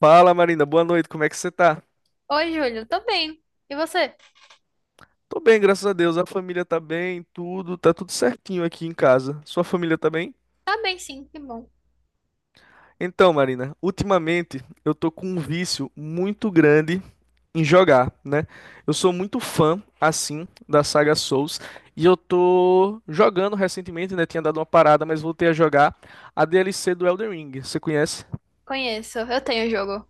Fala, Marina, boa noite, como é que você tá? Oi, Júlio, tô bem. E você? Tô bem, graças a Deus, a família tá bem, tudo, tá tudo certinho aqui em casa. Sua família tá bem? Tá bem, sim, que bom. Então, Marina, ultimamente eu tô com um vício muito grande em jogar, né? Eu sou muito fã, assim, da saga Souls e eu tô jogando recentemente, né? Tinha dado uma parada, mas voltei a jogar a DLC do Elden Ring, você conhece? Conheço, eu tenho o jogo.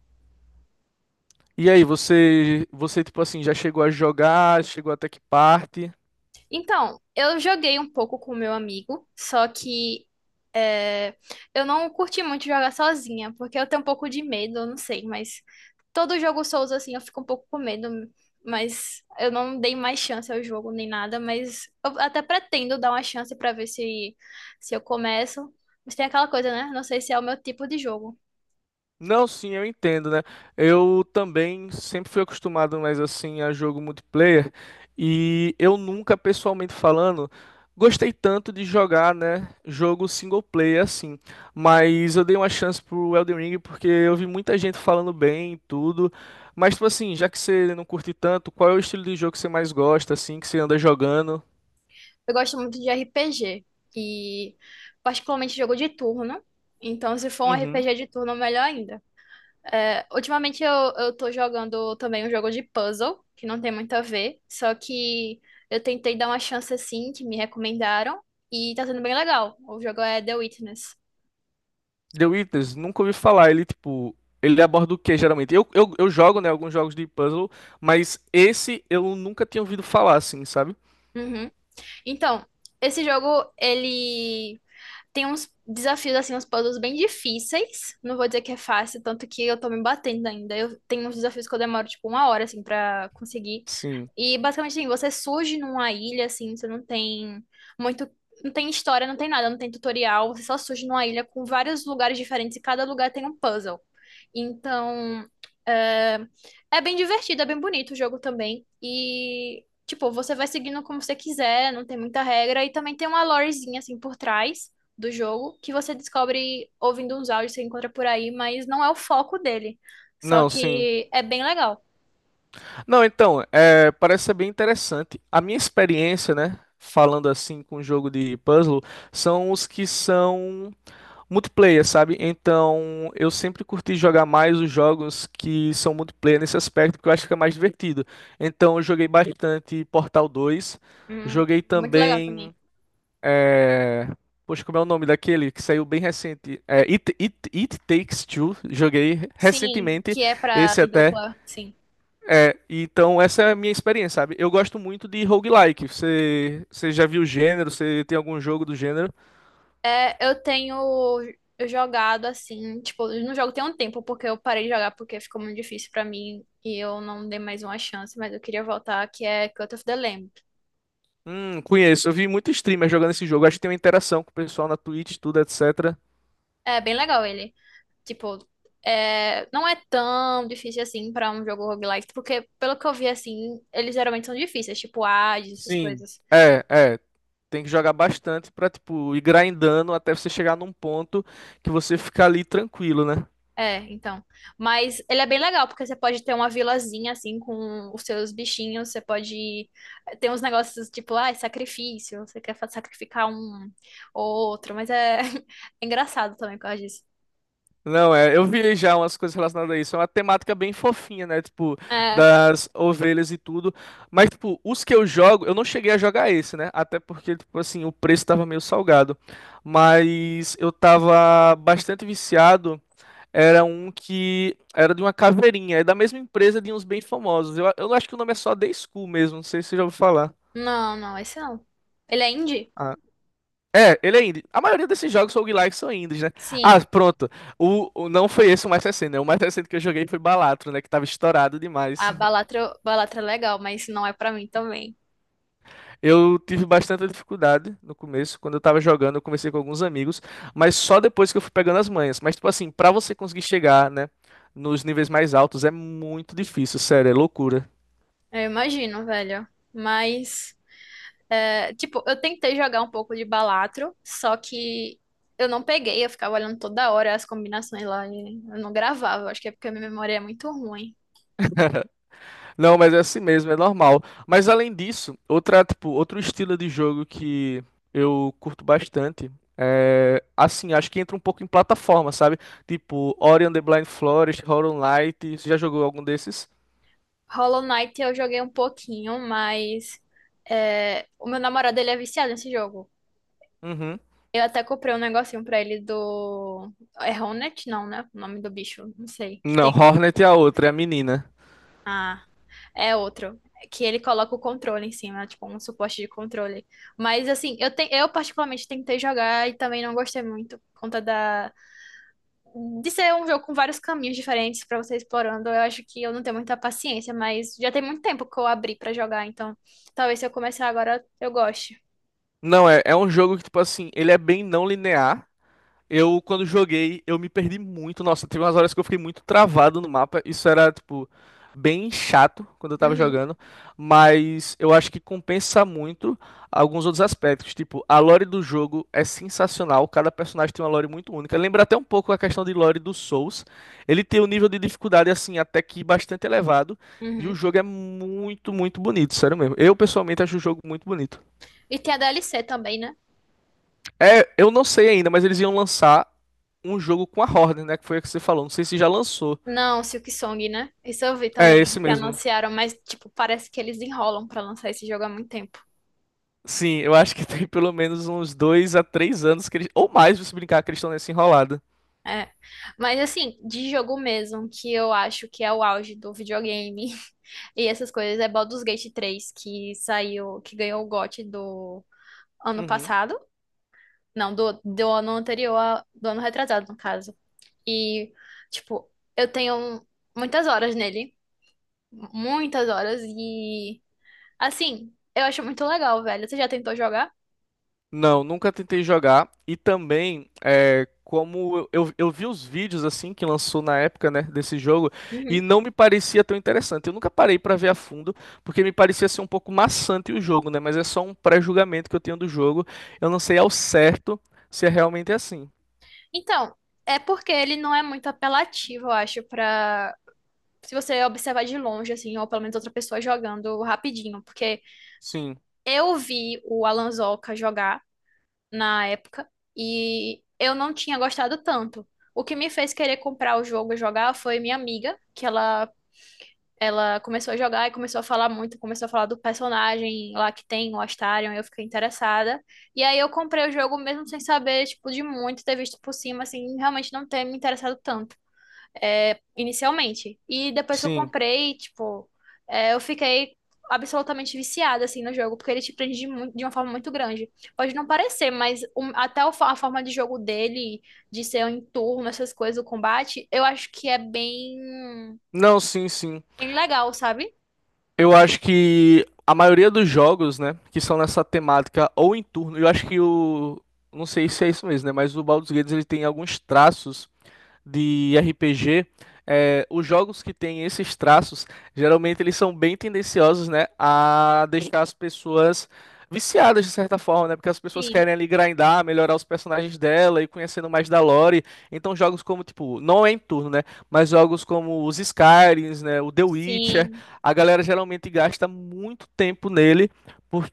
E aí, você, tipo assim, já chegou a jogar? Chegou até que parte? Então, eu joguei um pouco com o meu amigo, só que é, eu não curti muito jogar sozinha, porque eu tenho um pouco de medo, eu não sei, mas todo jogo Souls, assim, eu fico um pouco com medo, mas eu não dei mais chance ao jogo nem nada, mas eu até pretendo dar uma chance pra ver se eu começo. Mas tem aquela coisa, né? Não sei se é o meu tipo de jogo. Não, sim, eu entendo, né? Eu também sempre fui acostumado mais assim a jogo multiplayer e eu nunca, pessoalmente falando, gostei tanto de jogar, né, jogo single player assim. Mas eu dei uma chance pro Elden Ring porque eu vi muita gente falando bem e tudo. Mas tipo assim, já que você não curte tanto, qual é o estilo de jogo que você mais gosta assim, que você anda jogando? Eu gosto muito de RPG e particularmente jogo de turno. Então, se for um Uhum. RPG de turno, melhor ainda. É, ultimamente eu tô jogando também um jogo de puzzle, que não tem muito a ver, só que eu tentei dar uma chance assim, que me recomendaram, e tá sendo bem legal. O jogo é The Witness. The Witness, nunca ouvi falar. Ele, tipo, ele aborda o que geralmente? Eu jogo, né, alguns jogos de puzzle, mas esse eu nunca tinha ouvido falar, assim, sabe? Uhum. Então, esse jogo, ele tem uns desafios, assim, uns puzzles bem difíceis. Não vou dizer que é fácil, tanto que eu tô me batendo ainda. Eu tenho uns desafios que eu demoro, tipo, uma hora, assim, pra conseguir. Sim. E, basicamente, assim, você surge numa ilha, assim, você não tem muito. Não tem história, não tem nada, não tem tutorial. Você só surge numa ilha com vários lugares diferentes e cada lugar tem um puzzle. Então, é, é bem divertido, é bem bonito o jogo também. E, tipo, você vai seguindo como você quiser, não tem muita regra. E também tem uma lorezinha, assim, por trás do jogo, que você descobre ouvindo uns áudios que você encontra por aí, mas não é o foco dele. Só Não, sim. que é bem legal. Não, então, parece ser bem interessante. A minha experiência, né, falando assim com jogo de puzzle, são os que são multiplayer, sabe? Então, eu sempre curti jogar mais os jogos que são multiplayer nesse aspecto, porque eu acho que é mais divertido. Então, eu joguei bastante Portal 2, Hum, joguei muito legal também. também, é... poxa, como é o nome daquele que saiu bem recente? É, It Takes Two, joguei Sim, recentemente, que é pra esse ir até. dupla, sim. É, então essa é a minha experiência, sabe? Eu gosto muito de roguelike. Você já viu o gênero? Você tem algum jogo do gênero? É, eu tenho jogado assim, tipo, eu não jogo tem um tempo, porque eu parei de jogar porque ficou muito difícil pra mim e eu não dei mais uma chance, mas eu queria voltar, que é Cut of the Lamb. Conheço. Eu vi muito streamer jogando esse jogo. Acho que tem uma interação com o pessoal na Twitch, tudo, etc. É bem legal ele. Tipo, é, não é tão difícil assim pra um jogo roguelike, porque pelo que eu vi assim, eles geralmente são difíceis, tipo Hades, essas Sim. coisas. É, é. Tem que jogar bastante pra, tipo, ir grindando até você chegar num ponto que você fica ali tranquilo, né? É, então. Mas ele é bem legal, porque você pode ter uma vilazinha assim com os seus bichinhos, você pode ter uns negócios tipo, ah, sacrifício, você quer sacrificar um ou outro, mas é, é engraçado também por causa disso. Não, eu vi já umas coisas relacionadas a isso. É uma temática bem fofinha, né? Tipo, É, das ovelhas e tudo. Mas, tipo, os que eu jogo, eu não cheguei a jogar esse, né? Até porque, tipo assim, o preço tava meio salgado. Mas eu tava bastante viciado. Era um que era de uma caveirinha. É da mesma empresa de uns bem famosos. Eu acho que o nome é só The School mesmo. Não sei se você já ouviu falar. não, não, esse não. Ele é indie? É, ele é indie. A maioria desses jogos roguelike são indies, né? Ah, Sim. pronto. Não foi esse o mais recente, né? O mais recente que eu joguei foi Balatro, né? Que tava estourado demais. A Balatra, Balatra é legal, mas não é pra mim também. Eu tive bastante dificuldade no começo. Quando eu tava jogando, eu comecei com alguns amigos, mas só depois que eu fui pegando as manhas. Mas, tipo assim, pra você conseguir chegar, né? Nos níveis mais altos é muito difícil, sério, é loucura. Eu imagino, velho. Mas, é, tipo, eu tentei jogar um pouco de Balatro, só que eu não peguei, eu ficava olhando toda hora as combinações lá e eu não gravava. Acho que é porque a minha memória é muito ruim. Não, mas é assim mesmo, é normal. Mas além disso, tipo, outro estilo de jogo que eu curto bastante é assim, acho que entra um pouco em plataforma, sabe? Tipo, Ori and the Blind Forest, Hollow Knight, você já jogou algum desses? Hollow Knight eu joguei um pouquinho, mas é, o meu namorado ele é viciado nesse jogo. Uhum. Eu até comprei um negocinho pra ele do. É Hornet? Não, né? O nome do bicho, não sei. Que Não, tem. Hornet é a outra, é a menina. Ah. É outro. Que ele coloca o controle em cima, tipo, um suporte de controle. Mas, assim, eu particularmente tentei jogar e também não gostei muito, por conta da, de ser um jogo com vários caminhos diferentes pra você explorando. Eu acho que eu não tenho muita paciência, mas já tem muito tempo que eu abri pra jogar, então talvez se eu começar agora eu goste. Não, é um jogo que, tipo assim, ele é bem não linear. Eu, quando joguei, eu me perdi muito. Nossa, teve umas horas que eu fiquei muito travado no mapa. Isso era, tipo, bem chato quando eu tava Uhum, jogando. Mas eu acho que compensa muito alguns outros aspectos. Tipo, a lore do jogo é sensacional. Cada personagem tem uma lore muito única. Lembra até um pouco a questão de lore do Souls. Ele tem um nível de dificuldade, assim, até que bastante elevado. E o uhum. jogo é muito, muito bonito, sério mesmo. Eu, pessoalmente, acho o jogo muito bonito. E tem a DLC também, né? É, eu não sei ainda, mas eles iam lançar um jogo com a Horde, né? Que foi o que você falou. Não sei se já lançou. Não, Silk Song, né? Isso eu vi É, também, esse que mesmo. anunciaram, mas, tipo, parece que eles enrolam pra lançar esse jogo há muito tempo. Sim, eu acho que tem pelo menos uns dois a três anos que eles. Ou mais, se brincar, que eles estão nessa enrolada. É. Mas assim, de jogo mesmo, que eu acho que é o auge do videogame e essas coisas, é Baldur's Gate três que saiu, que ganhou o GOT do ano Uhum. passado. Não, do ano anterior, do ano retrasado, no caso. E, tipo, eu tenho muitas horas nele. Muitas horas. E, assim, eu acho muito legal, velho. Você já tentou jogar? Não, nunca tentei jogar. E também, como eu vi os vídeos assim que lançou na época, né, desse jogo, e Uhum. não me parecia tão interessante. Eu nunca parei pra ver a fundo, porque me parecia ser um pouco maçante o jogo, né? Mas é só um pré-julgamento que eu tenho do jogo. Eu não sei ao certo se é realmente assim. Então, é porque ele não é muito apelativo, eu acho, pra se você observar de longe, assim, ou pelo menos outra pessoa jogando rapidinho, porque Sim, eu vi o Alan Alanzoca jogar na época e eu não tinha gostado tanto. O que me fez querer comprar o jogo e jogar foi minha amiga, que ela começou a jogar e começou a falar muito, começou a falar do personagem lá que tem, o Astarion, e eu fiquei interessada. E aí eu comprei o jogo mesmo sem saber, tipo, de muito, ter visto por cima, assim, realmente não ter me interessado tanto, é, inicialmente. E depois que eu sim. comprei, tipo, é, eu fiquei absolutamente viciada, assim, no jogo, porque ele te prende de, de uma forma muito grande. Pode não parecer, mas até a forma de jogo dele, de ser em turno, essas coisas, o combate, eu acho que é bem, Não, sim, sim. bem legal, sabe? Eu acho que a maioria dos jogos, né, que são nessa temática ou em turno, eu acho que o. Não sei se é isso mesmo, né? Mas o Baldur's Gate ele tem alguns traços de RPG, os jogos que têm esses traços, geralmente eles são bem tendenciosos, né, a deixar as pessoas viciadas de certa forma, né? Porque as pessoas Sim, querem ali grindar, melhorar os personagens dela e conhecendo mais da lore. Então jogos como tipo, não é em turno, né? Mas jogos como os Skyrims, né, o The Witcher, sim. a galera geralmente gasta muito tempo nele,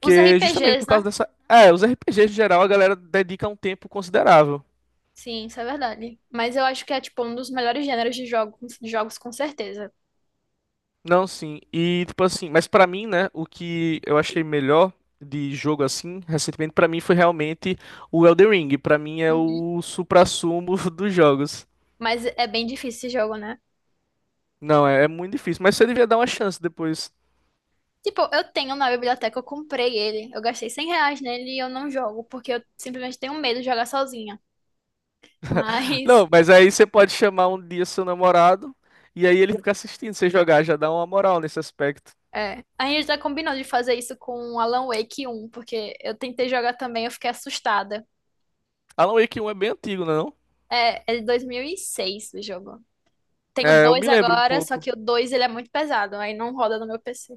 Os justamente RPGs, por né? causa dessa, os RPGs em geral a galera dedica um tempo considerável. Sim, isso é verdade. Mas eu acho que é, tipo, um dos melhores gêneros de jogos com certeza. Não, sim. E tipo assim, mas pra mim, né, o que eu achei melhor de jogo assim, recentemente pra mim foi realmente o Elden Ring. Pra mim é Uhum. o suprassumo dos jogos. Mas é bem difícil esse jogo, né? Não, é muito difícil, mas você devia dar uma chance depois. Tipo, eu tenho na biblioteca, eu comprei ele. Eu gastei R$ 100 nele e eu não jogo, porque eu simplesmente tenho medo de jogar sozinha. Mas, Não, mas aí você pode chamar um dia seu namorado e aí ele fica assistindo você jogar, já dá uma moral nesse aspecto. é. A gente já combinou de fazer isso com o Alan Wake um porque eu tentei jogar também, eu fiquei assustada. Alan Wake um é bem antigo, não? É, é de 2006 o jogo. é não? Tem o É, eu 2 me lembro um agora, só pouco. que o 2 ele é muito pesado, aí não roda no meu PC.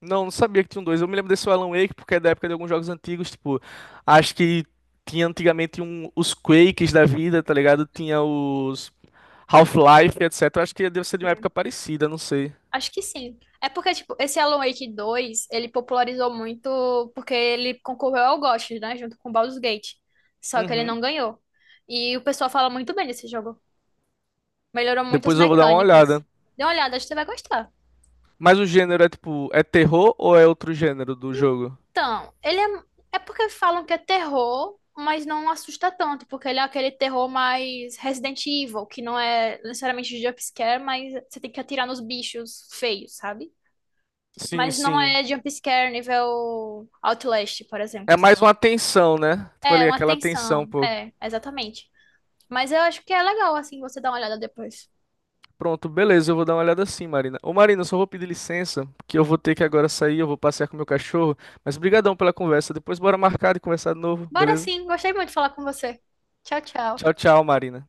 Não, não sabia que tinha um dois. Eu me lembro desse Alan Wake porque é da época de alguns jogos antigos, tipo, acho que tinha antigamente um, os Quakes da vida, tá ligado? Tinha os Half-Life, etc. Acho que deve ser de uma época parecida, não sei. Acho que sim. É porque, tipo, esse Alan Wake 2 ele popularizou muito porque ele concorreu ao GOTY, né? Junto com Baldur's Gate. Só que ele Uhum. não ganhou. E o pessoal fala muito bem desse jogo. Melhorou muito as Depois eu vou dar uma mecânicas. olhada. Dê uma olhada, acho que você vai gostar. Mas o gênero é tipo, terror ou é outro gênero do jogo? Então, ele é. É porque falam que é terror, mas não assusta tanto. Porque ele é aquele terror mais Resident Evil, que não é necessariamente jumpscare, mas você tem que atirar nos bichos feios, sabe? Sim, Mas não sim. é jumpscare nível Outlast, por É exemplo. mais Sabe? uma tensão, né? Tipo É, ali, uma aquela tensão, tensão. pô. É, exatamente. Mas eu acho que é legal, assim, você dar uma olhada depois. Pronto, beleza, eu vou dar uma olhada sim, Marina. Ô, Marina, eu só vou pedir licença, porque eu vou ter que agora sair, eu vou passear com meu cachorro, mas brigadão pela conversa. Depois bora marcar e conversar de novo, Bora beleza? sim, gostei muito de falar com você. Tchau, tchau. Tchau, tchau, Marina.